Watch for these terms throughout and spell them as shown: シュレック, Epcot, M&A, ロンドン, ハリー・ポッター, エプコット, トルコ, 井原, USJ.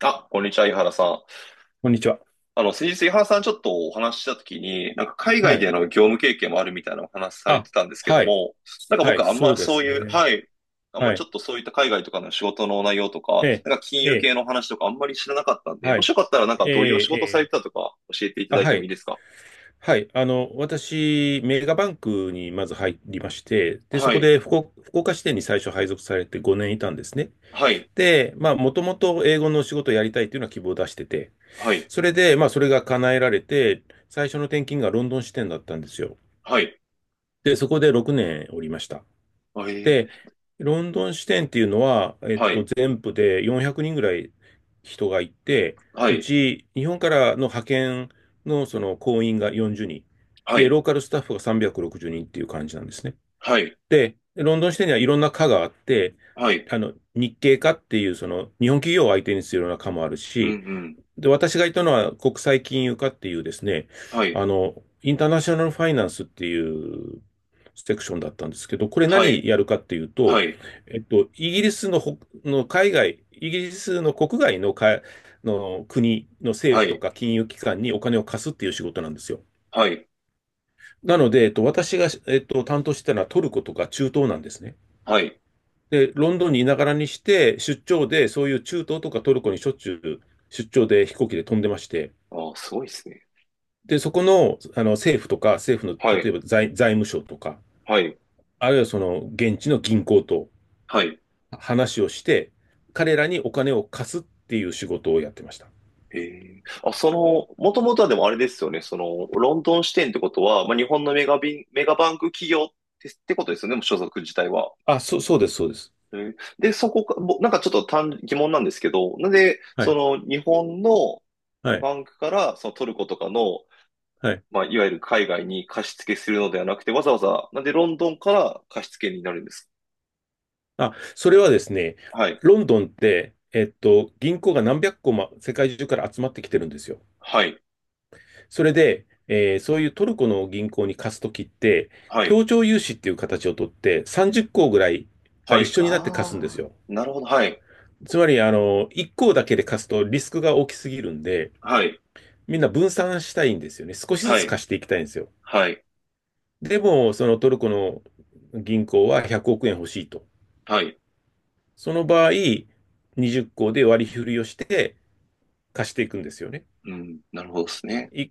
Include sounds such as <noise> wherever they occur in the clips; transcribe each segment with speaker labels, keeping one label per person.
Speaker 1: あ、こんにちは、井原さん。
Speaker 2: こんにちは。
Speaker 1: あの、先日井原さんちょっとお話ししたときに、なんか海
Speaker 2: は
Speaker 1: 外
Speaker 2: い。
Speaker 1: での業務経験もあるみたいなお話され
Speaker 2: あ、
Speaker 1: てたんですけど
Speaker 2: はい。
Speaker 1: も、なんか
Speaker 2: はい、
Speaker 1: 僕あん
Speaker 2: そ
Speaker 1: ま
Speaker 2: うで
Speaker 1: そう
Speaker 2: す
Speaker 1: いう、
Speaker 2: ね。
Speaker 1: はい、あんま
Speaker 2: は
Speaker 1: ち
Speaker 2: い。
Speaker 1: ょっとそういった海外とかの仕事の内容とか、
Speaker 2: ええ、
Speaker 1: なんか金
Speaker 2: え
Speaker 1: 融
Speaker 2: え、
Speaker 1: 系の話とかあんまり知らなかったんで、
Speaker 2: は
Speaker 1: もし
Speaker 2: い。
Speaker 1: よかったらなんか
Speaker 2: え
Speaker 1: どういうお仕
Speaker 2: え、え
Speaker 1: 事されて
Speaker 2: え、
Speaker 1: たとか教えていた
Speaker 2: あ、
Speaker 1: だいて
Speaker 2: は
Speaker 1: もいい
Speaker 2: い。
Speaker 1: ですか？
Speaker 2: はい。あの、私、メガバンクにまず入りまして、で、そ
Speaker 1: は
Speaker 2: こ
Speaker 1: い、
Speaker 2: で福岡支店に最初配属されて5年いたんですね。
Speaker 1: はい、
Speaker 2: で、まあ、もともと英語の仕事をやりたいというのは希望を出してて、
Speaker 1: はい、
Speaker 2: それで、まあ、それが叶えられて、最初の転勤がロンドン支店だったんですよ。
Speaker 1: はい、
Speaker 2: で、そこで6年おりました。
Speaker 1: はい、
Speaker 2: で、ロンドン支店っていうのは、
Speaker 1: はい、
Speaker 2: 全部で400人ぐらい人がいて、
Speaker 1: は
Speaker 2: う
Speaker 1: い、
Speaker 2: ち、日本からの派遣のその行員が40人。
Speaker 1: は
Speaker 2: で、
Speaker 1: い、
Speaker 2: ローカルスタッフが360人っていう感じなんですね。
Speaker 1: はい、
Speaker 2: で、ロンドン支店にはいろんな課があって、
Speaker 1: はい、
Speaker 2: あの、日系課っていう、その、日本企業を相手にするような課もある
Speaker 1: うん、う
Speaker 2: し、
Speaker 1: ん、
Speaker 2: で、私がいたのは国際金融課っていうですね、
Speaker 1: はい、
Speaker 2: あの、インターナショナルファイナンスっていうセクションだったんですけど、これ
Speaker 1: はい、
Speaker 2: 何やるかっていう
Speaker 1: は
Speaker 2: と、
Speaker 1: い、
Speaker 2: イギリスのほ、の海外、イギリスの国外のか、の国の政
Speaker 1: は
Speaker 2: 府と
Speaker 1: い、
Speaker 2: か金融機関にお金を貸すっていう仕事なんですよ。
Speaker 1: はい、
Speaker 2: なので、私が、担当してたのはトルコとか中東なんですね。
Speaker 1: はい。
Speaker 2: で、ロンドンにいながらにして、出張で、そういう中東とかトルコにしょっちゅう出張で飛行機で飛んでまして、
Speaker 1: ああ、すごいですね。
Speaker 2: で、そこの、あの政府とか、政府
Speaker 1: は
Speaker 2: の例
Speaker 1: い、
Speaker 2: えば財務省とか、
Speaker 1: はい。
Speaker 2: あるいはその現地の銀行と
Speaker 1: はい。
Speaker 2: 話をして、彼らにお金を貸すっていう仕事をやってました。
Speaker 1: ええ、あ、その、もともとはでもあれですよね。その、ロンドン支店ってことは、まあ、日本のメガバンク企業ってことですよね。もう所属自体は。
Speaker 2: あ、そうです、そうです。
Speaker 1: で、そこか、なんかちょっと疑問なんですけど、なんで、
Speaker 2: は
Speaker 1: そ
Speaker 2: い、
Speaker 1: の、日本の
Speaker 2: はい、
Speaker 1: バンクから、そのトルコとかの、
Speaker 2: はい。
Speaker 1: まあ、いわゆる海外に貸し付けするのではなくて、わざわざ、なんでロンドンから貸し付けになるんです
Speaker 2: あ、それはですね、
Speaker 1: か？はい。
Speaker 2: ロンドンって、銀行が何百個も世界中から集まってきてるんですよ。
Speaker 1: はい。
Speaker 2: それで、そういうトルコの銀行に貸すときって、
Speaker 1: はい。
Speaker 2: 協調融資っていう形をとって、30個ぐらいが
Speaker 1: は
Speaker 2: 一
Speaker 1: い。
Speaker 2: 緒になって貸すんです
Speaker 1: ああ、
Speaker 2: よ。
Speaker 1: なるほど。はい。
Speaker 2: つまり、あの、一行だけで貸すとリスクが大きすぎるんで、
Speaker 1: はい。
Speaker 2: みんな分散したいんですよね。少しず
Speaker 1: は
Speaker 2: つ
Speaker 1: い。
Speaker 2: 貸していきたいんですよ。
Speaker 1: はい。
Speaker 2: でも、そのトルコの銀行は100億円欲しいと。
Speaker 1: はい。
Speaker 2: その場合、20校で割り振りをして貸していくんですよね。
Speaker 1: うん、なるほどですね。
Speaker 2: 1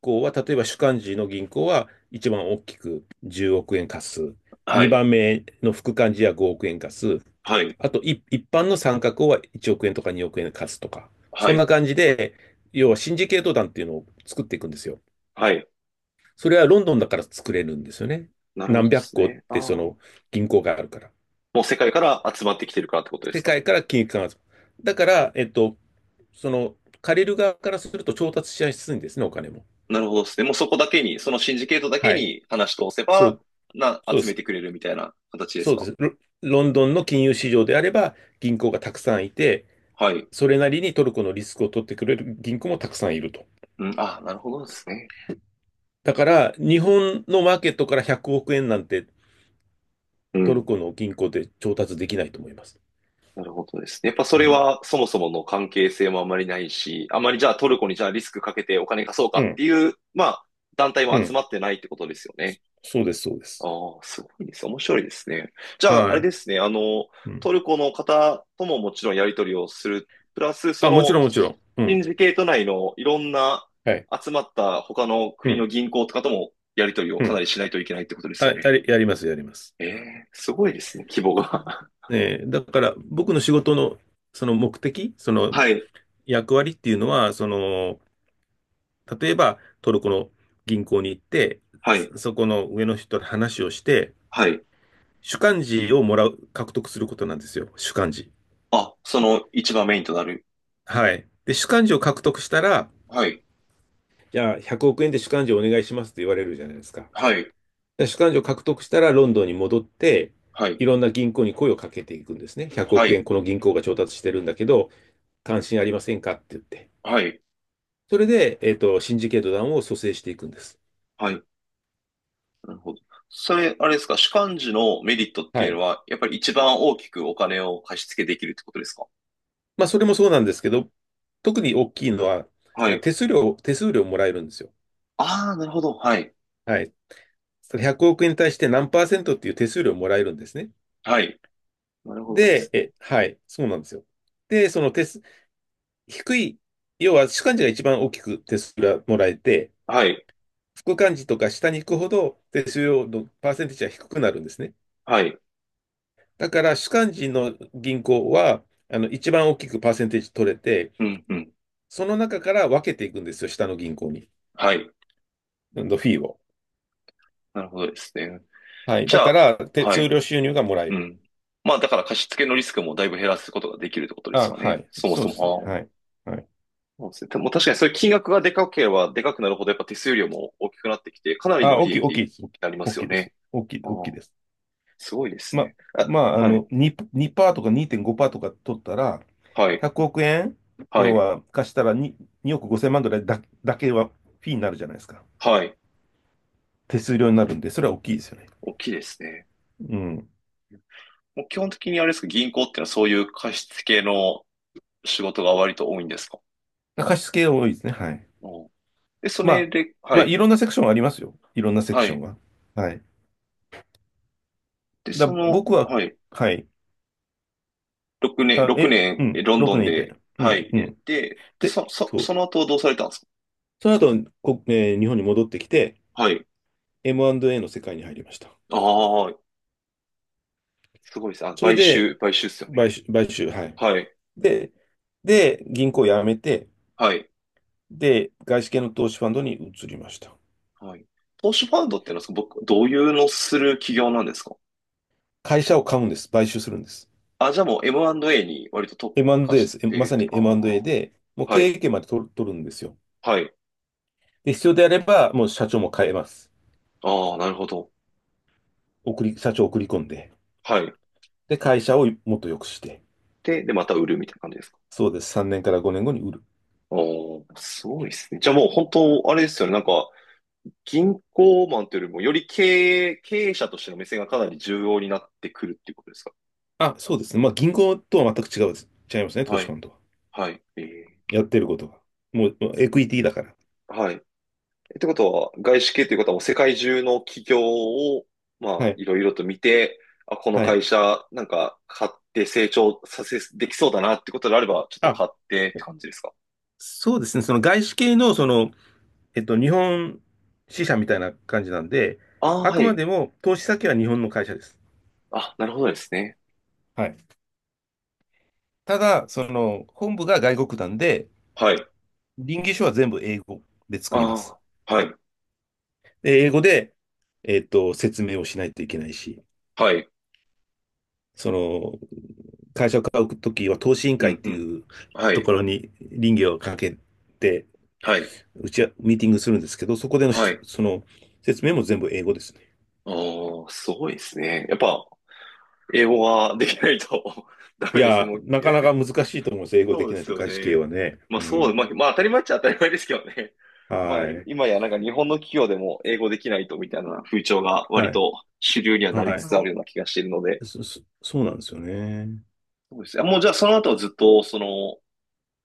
Speaker 2: 行は、例えば主幹事の銀行は一番大きく10億円貸す。
Speaker 1: は
Speaker 2: 2
Speaker 1: い、
Speaker 2: 番目の副幹事は5億円貸す。
Speaker 1: はい、
Speaker 2: あと、一般の参画校は1億円とか2億円貸すとか、
Speaker 1: は
Speaker 2: そんな
Speaker 1: い。
Speaker 2: 感じで、要はシンジケート団っていうのを作っていくんですよ。
Speaker 1: はい、
Speaker 2: それはロンドンだから作れるんですよね。
Speaker 1: なるほ
Speaker 2: 何
Speaker 1: どで
Speaker 2: 百
Speaker 1: す
Speaker 2: 個っ
Speaker 1: ね。ああ、
Speaker 2: てその
Speaker 1: も
Speaker 2: 銀行があるから。
Speaker 1: う世界から集まってきてるからってことです
Speaker 2: 世
Speaker 1: か？
Speaker 2: 界から金融機関が。だから、その借りる側からすると調達しやすいんですね、お金も。
Speaker 1: なるほどですね。もうそこだけに、そのシンジケートだけ
Speaker 2: はい。
Speaker 1: に話し通せ
Speaker 2: そ
Speaker 1: ば、
Speaker 2: う、そうで
Speaker 1: 集め
Speaker 2: す。
Speaker 1: てくれるみたいな形です
Speaker 2: そうで
Speaker 1: か？
Speaker 2: す。ロンドンの金融市場であれば銀行がたくさんいて、
Speaker 1: はい。
Speaker 2: それなりにトルコのリスクを取ってくれる銀行もたくさんいると。
Speaker 1: うん、あ、なるほどですね。
Speaker 2: だから、日本のマーケットから100億円なんて
Speaker 1: う
Speaker 2: トル
Speaker 1: ん、
Speaker 2: コの銀行で調達できないと思います。
Speaker 1: なるほどですね。やっぱそ
Speaker 2: う
Speaker 1: れ
Speaker 2: ん。
Speaker 1: はそもそもの関係性もあまりないし、あまりじゃあトルコにじゃあリスクかけてお金貸そうか
Speaker 2: う
Speaker 1: って
Speaker 2: ん。
Speaker 1: いう、まあ、団体
Speaker 2: う
Speaker 1: も集
Speaker 2: ん。
Speaker 1: まってないってことですよね。
Speaker 2: そうです、そうです。
Speaker 1: ああ、すごいです。面白いですね。じゃあ、あ
Speaker 2: は
Speaker 1: れ
Speaker 2: い。
Speaker 1: ですね。あの、
Speaker 2: うん。
Speaker 1: トルコの方とももちろんやり取りをする。プラス、そ
Speaker 2: あ、もち
Speaker 1: の、
Speaker 2: ろん、もちろん。う
Speaker 1: シ
Speaker 2: ん。
Speaker 1: ンジケート内のいろんな
Speaker 2: はい。
Speaker 1: 集まった他の
Speaker 2: う
Speaker 1: 国の
Speaker 2: ん。
Speaker 1: 銀行とかともやり取りを
Speaker 2: う
Speaker 1: かな
Speaker 2: ん。
Speaker 1: りしないといけないってことですよ
Speaker 2: はい。
Speaker 1: ね。
Speaker 2: やります、やります。
Speaker 1: ええ、すごいですね、規模が。
Speaker 2: ねえー、だから、僕の仕事の、その目的、そ
Speaker 1: <laughs>
Speaker 2: の
Speaker 1: はい、
Speaker 2: 役割っていうのは、その、例えば、トルコの銀行に行って、
Speaker 1: はい、
Speaker 2: そこの上の人と話をして、
Speaker 1: はい。
Speaker 2: 主幹事をもらう、獲得することなんですよ。主幹事。
Speaker 1: あ、その一番メインとなる。
Speaker 2: はい。で、主幹事を獲得したら、
Speaker 1: はい、
Speaker 2: じゃあ100億円で主幹事をお願いしますって言われるじゃないですか。
Speaker 1: はい、
Speaker 2: で主幹事を獲得したらロンドンに戻って、
Speaker 1: はい、
Speaker 2: いろんな銀行に声をかけていくんですね。100
Speaker 1: は
Speaker 2: 億円
Speaker 1: い、
Speaker 2: この銀行が調達してるんだけど、関心ありませんかって言って。
Speaker 1: はい、
Speaker 2: それで、シンジケート団を蘇生していくんです。
Speaker 1: はい。なるほど。それ、あれですか、主幹事のメリットって
Speaker 2: は
Speaker 1: いう
Speaker 2: い。
Speaker 1: のは、やっぱり一番大きくお金を貸し付けできるってことですか？
Speaker 2: まあ、それもそうなんですけど、特に大きいのは、
Speaker 1: はい。
Speaker 2: 手数料もらえるんですよ。
Speaker 1: ああ、なるほど。はい。
Speaker 2: はい。100億円に対して何パーセントっていう手数料もらえるんですね。
Speaker 1: はい。なるほどで
Speaker 2: で、
Speaker 1: すね。
Speaker 2: はい、そうなんですよ。で、その手、低い、要は主幹事が一番大きく手数料がもらえて、
Speaker 1: はい。
Speaker 2: 副幹事とか下に行くほど手数料のパーセンテージは低くなるんですね。
Speaker 1: はい。
Speaker 2: だから主幹事の銀行は、あの、一番大きくパーセンテージ取れて、
Speaker 1: うん、うん。
Speaker 2: その中から分けていくんですよ、下の銀行に。
Speaker 1: はい。
Speaker 2: のフィーを。
Speaker 1: なるほどですね。
Speaker 2: はい。
Speaker 1: じ
Speaker 2: だ
Speaker 1: ゃ
Speaker 2: か
Speaker 1: あ、
Speaker 2: ら、手
Speaker 1: は
Speaker 2: 数
Speaker 1: い。
Speaker 2: 料収入がもらえ
Speaker 1: う
Speaker 2: る。
Speaker 1: ん。まあ、だから貸し付けのリスクもだいぶ減らすことができるってことです
Speaker 2: あ、
Speaker 1: よ
Speaker 2: は
Speaker 1: ね。
Speaker 2: い。
Speaker 1: そも
Speaker 2: そう
Speaker 1: そ
Speaker 2: ですね。
Speaker 1: も。
Speaker 2: は
Speaker 1: あ
Speaker 2: い。
Speaker 1: あ。
Speaker 2: はい。
Speaker 1: そうですね。でも確かにそういう金額がでかければでかくなるほど、やっぱ手数料も大きくなってきて、かなりの
Speaker 2: あ、大
Speaker 1: 利
Speaker 2: きい、
Speaker 1: 益
Speaker 2: 大きい
Speaker 1: に
Speaker 2: です。
Speaker 1: なりま
Speaker 2: 大
Speaker 1: す
Speaker 2: き
Speaker 1: よ
Speaker 2: い大きいです。
Speaker 1: ね。
Speaker 2: 大きい、
Speaker 1: ああ、
Speaker 2: 大きいです。
Speaker 1: すごいです
Speaker 2: ま、
Speaker 1: ね。あ、
Speaker 2: まあ、あ
Speaker 1: は
Speaker 2: の、
Speaker 1: い。
Speaker 2: 2、にパーとか2.5%とか取ったら、
Speaker 1: はい。
Speaker 2: 100億円、
Speaker 1: は
Speaker 2: 要
Speaker 1: い。
Speaker 2: は貸したら2億5千万ぐらいだけはフィーになるじゃないですか。
Speaker 1: はい。
Speaker 2: 手数料になるんで、それは大きいですよね。
Speaker 1: 大きいですね。
Speaker 2: うん。
Speaker 1: もう基本的にあれですか、銀行っていうのはそういう貸付系の仕事が割と多いんですか？
Speaker 2: 貸し付け多いですね。はい。
Speaker 1: うん。で、そ
Speaker 2: ま
Speaker 1: れ
Speaker 2: あ、
Speaker 1: で、は
Speaker 2: まあ、
Speaker 1: い。
Speaker 2: いろんなセクションありますよ。いろんなセク
Speaker 1: は
Speaker 2: ション
Speaker 1: い。
Speaker 2: は。はい。
Speaker 1: で、
Speaker 2: だ、
Speaker 1: その、
Speaker 2: 僕は、
Speaker 1: はい。
Speaker 2: はい。
Speaker 1: 6年、
Speaker 2: あ、
Speaker 1: 6年、
Speaker 2: うん、
Speaker 1: ロンド
Speaker 2: 6
Speaker 1: ン
Speaker 2: 年いて。
Speaker 1: で、
Speaker 2: う
Speaker 1: は
Speaker 2: ん、
Speaker 1: い。
Speaker 2: う
Speaker 1: で、
Speaker 2: ん。
Speaker 1: で、
Speaker 2: で、
Speaker 1: そ、そ、
Speaker 2: そう。
Speaker 1: その後どうされたんですか？
Speaker 2: その後、こ、えー日本に戻ってきて、
Speaker 1: はい。
Speaker 2: M&A の世界に入りました。
Speaker 1: ああ、すごいですね。あ、
Speaker 2: それ
Speaker 1: 買
Speaker 2: で、
Speaker 1: 収、買収っすよ
Speaker 2: 買
Speaker 1: ね？
Speaker 2: 収、買収、はい。
Speaker 1: はい。
Speaker 2: で、銀行を辞めて、
Speaker 1: はい。
Speaker 2: で、外資系の投資ファンドに移りました。
Speaker 1: はい。投資ファンドっていうのは、その僕、どういうのする企業なんですか？
Speaker 2: 会社を買うんです。買収するんです。
Speaker 1: あ、じゃあもう M&A に割と特化
Speaker 2: M&A で
Speaker 1: し
Speaker 2: す。
Speaker 1: てい
Speaker 2: ま
Speaker 1: るっ
Speaker 2: さ
Speaker 1: て。
Speaker 2: に
Speaker 1: あ
Speaker 2: M&A
Speaker 1: あ。
Speaker 2: で、もう
Speaker 1: は
Speaker 2: 経営
Speaker 1: い。
Speaker 2: 権まで取るんですよ。
Speaker 1: はい。
Speaker 2: で、必要であれば、もう社長も変えます。
Speaker 1: ああ、なるほど。
Speaker 2: 社長を送り込んで。
Speaker 1: はい。
Speaker 2: で、会社をもっと良くして。
Speaker 1: また売るみたいな感じですか？
Speaker 2: そうです。3年から5年後に売る。
Speaker 1: おー、すごいですね。じゃあもう本当、あれですよね。なんか、銀行マンというよりも、より経営者としての目線がかなり重要になってくるっていうことですか？
Speaker 2: あ、そうですね。まあ、銀行とは全く違うです。違いますね、投
Speaker 1: は
Speaker 2: 資フ
Speaker 1: い。
Speaker 2: ァンドは。
Speaker 1: はい。
Speaker 2: やってることが。もうエクイティだから。
Speaker 1: はい。ってことは、外資系ということはもう世界中の企業を、ま
Speaker 2: は
Speaker 1: あ、
Speaker 2: い。
Speaker 1: いろいろと見て、あ、この
Speaker 2: はい。
Speaker 1: 会社、なんか、買って成長させ、できそうだなってことであれば、ちょっと
Speaker 2: あ
Speaker 1: 買ってって感じですか？
Speaker 2: そうですね。その外資系のその日本支社みたいな感じなんで、
Speaker 1: ああ
Speaker 2: あ
Speaker 1: ー、は
Speaker 2: くま
Speaker 1: い。
Speaker 2: でも投資先は日本の会社です。
Speaker 1: あ、なるほどですね。
Speaker 2: はい。ただ、その本部が外国なんで、
Speaker 1: はい。
Speaker 2: 臨議書は全部英語で作ります。
Speaker 1: ああ、はい、
Speaker 2: で英語で、説明をしないといけないし、
Speaker 1: はい、
Speaker 2: その会社を買うときは投資委員
Speaker 1: う
Speaker 2: 会っ
Speaker 1: ん、う
Speaker 2: て
Speaker 1: ん、
Speaker 2: いう
Speaker 1: は
Speaker 2: と
Speaker 1: い、
Speaker 2: ころに臨議をかけて、
Speaker 1: はい、
Speaker 2: うちはミーティングするんですけど、そこでの
Speaker 1: は
Speaker 2: し
Speaker 1: い。
Speaker 2: その説明も全部英語ですね。
Speaker 1: お、あ、すごいですね。やっぱ、英語ができないと <laughs> ダ
Speaker 2: い
Speaker 1: メですね。
Speaker 2: や、
Speaker 1: もう、
Speaker 2: なかなか難しいと思います。英
Speaker 1: <laughs>
Speaker 2: 語で
Speaker 1: そう
Speaker 2: き
Speaker 1: で
Speaker 2: ない
Speaker 1: す
Speaker 2: と
Speaker 1: よ
Speaker 2: 外資系
Speaker 1: ね。
Speaker 2: はね。
Speaker 1: まあ、
Speaker 2: う
Speaker 1: そう、まあ、
Speaker 2: ん。
Speaker 1: まあ当たり前っちゃ当たり前ですけどね。まあ
Speaker 2: は
Speaker 1: い
Speaker 2: い。
Speaker 1: 今やなんか日本の企業でも英語できないとみたいな風潮が
Speaker 2: は
Speaker 1: 割
Speaker 2: い。
Speaker 1: と主流にはなり
Speaker 2: は
Speaker 1: つ
Speaker 2: い。
Speaker 1: つあるような気がしているので。
Speaker 2: そうなんですよね。
Speaker 1: そうですね。あ、もう、じゃあその後はずっと、その、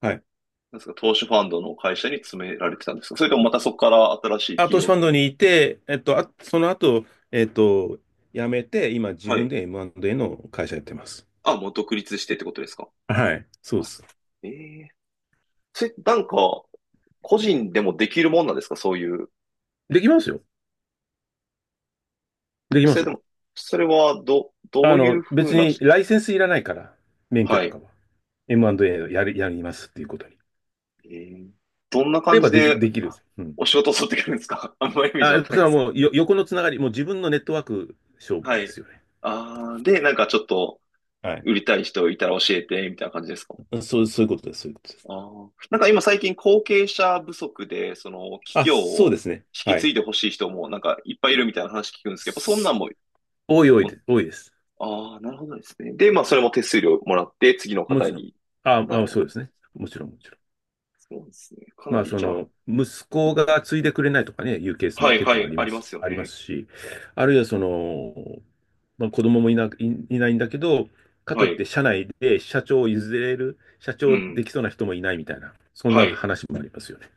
Speaker 2: はい。
Speaker 1: なんですか、投資ファンドの会社に詰められてたんですか？それともまたそこから新しい
Speaker 2: あ、
Speaker 1: 企
Speaker 2: 投資
Speaker 1: 業
Speaker 2: フ
Speaker 1: と
Speaker 2: ァン
Speaker 1: かに。
Speaker 2: ドにいて、あ、その後、えっと、辞めて、今自
Speaker 1: はい。
Speaker 2: 分で M&A の会社やってます。
Speaker 1: あ、もう独立してってことですか？
Speaker 2: はい。そうで
Speaker 1: あ、
Speaker 2: す。
Speaker 1: ええ、それ、なんか、個人でもできるもんなんですか？そういう。や
Speaker 2: できますよ。
Speaker 1: っ
Speaker 2: でき
Speaker 1: ぱそ
Speaker 2: ま
Speaker 1: れ
Speaker 2: す
Speaker 1: で
Speaker 2: よ。
Speaker 1: も、それは、ど
Speaker 2: あ
Speaker 1: ういう
Speaker 2: の、
Speaker 1: ふう
Speaker 2: 別
Speaker 1: な
Speaker 2: にライセンスいらないから、免許
Speaker 1: は
Speaker 2: と
Speaker 1: い。
Speaker 2: かは。M&A をやる、やりますっていうことに。や
Speaker 1: ええ、どんな
Speaker 2: れ
Speaker 1: 感
Speaker 2: ば
Speaker 1: じ
Speaker 2: でき、
Speaker 1: で
Speaker 2: できる。うん。
Speaker 1: お仕事を取ってくるんですか？ <laughs> あんまりイメージわ
Speaker 2: あ、
Speaker 1: かん
Speaker 2: そ
Speaker 1: ない
Speaker 2: れ
Speaker 1: んで
Speaker 2: は
Speaker 1: すけど。
Speaker 2: もう横のつながり、もう自分のネットワーク勝負
Speaker 1: は
Speaker 2: で
Speaker 1: い。
Speaker 2: すよね。
Speaker 1: ああ、で、なんかちょっと
Speaker 2: はい。
Speaker 1: 売りたい人いたら教えて、みたいな感じですか？
Speaker 2: そういうことです。そういうことです。
Speaker 1: ああ、なんか今最近後継者不足で、その企
Speaker 2: あ、
Speaker 1: 業
Speaker 2: そうで
Speaker 1: を
Speaker 2: すね。
Speaker 1: 引き
Speaker 2: は
Speaker 1: 継
Speaker 2: い。
Speaker 1: いでほしい人もなんかいっぱいいるみたいな話聞くんですけど、やっぱそんなんも
Speaker 2: 多い多いです。多いです。
Speaker 1: ああ、なるほどですね。で、まあ、それも手数料もらって、次の
Speaker 2: も
Speaker 1: 方
Speaker 2: ちろん。
Speaker 1: に。
Speaker 2: あ、
Speaker 1: あ、な
Speaker 2: ま
Speaker 1: る
Speaker 2: あ、
Speaker 1: ほ
Speaker 2: そ
Speaker 1: ど。
Speaker 2: うですね。もちろん、もちろん。
Speaker 1: そうですね。かな
Speaker 2: まあ、
Speaker 1: り、
Speaker 2: そ
Speaker 1: じゃあ、
Speaker 2: の、息子が継いでくれないとかね、いうケース
Speaker 1: は
Speaker 2: も
Speaker 1: い
Speaker 2: 結
Speaker 1: は
Speaker 2: 構あ
Speaker 1: い、
Speaker 2: り
Speaker 1: あ
Speaker 2: ま
Speaker 1: りま
Speaker 2: す、
Speaker 1: すよ
Speaker 2: ありま
Speaker 1: ね。
Speaker 2: すし、あるいはその、まあ、子供もいないんだけど、かと
Speaker 1: は
Speaker 2: いっ
Speaker 1: い。
Speaker 2: て社内で社長を譲れる、社
Speaker 1: う
Speaker 2: 長
Speaker 1: ん。
Speaker 2: できそうな人もいないみたいな、そん
Speaker 1: は
Speaker 2: な
Speaker 1: い。
Speaker 2: 話もありますよね。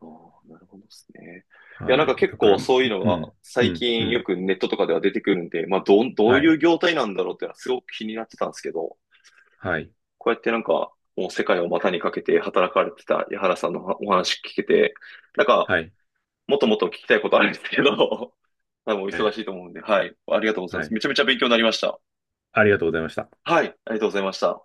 Speaker 1: ああ、なるほどですね。いや、なん
Speaker 2: は
Speaker 1: か
Speaker 2: い。
Speaker 1: 結
Speaker 2: だから、
Speaker 1: 構
Speaker 2: うん、
Speaker 1: そういうのが
Speaker 2: う
Speaker 1: 最
Speaker 2: ん、う
Speaker 1: 近よ
Speaker 2: ん。
Speaker 1: くネットとかでは出てくるんで、まあ、どう、どう
Speaker 2: は
Speaker 1: いう
Speaker 2: い、
Speaker 1: 業態なんだろうっていうのはすごく気になってたんですけど、
Speaker 2: はい、
Speaker 1: こうやってなんか、もう世界を股にかけて働かれてた矢原さんのお話聞けて、なんか
Speaker 2: はい、
Speaker 1: もっともっと聞きたいことあるんですけど、<laughs> 多分お忙しいと思うんで、はい。ありがとうございま
Speaker 2: は
Speaker 1: す。
Speaker 2: い。
Speaker 1: めちゃめちゃ勉強になりました。
Speaker 2: ありがとうございました。
Speaker 1: はい。ありがとうございました。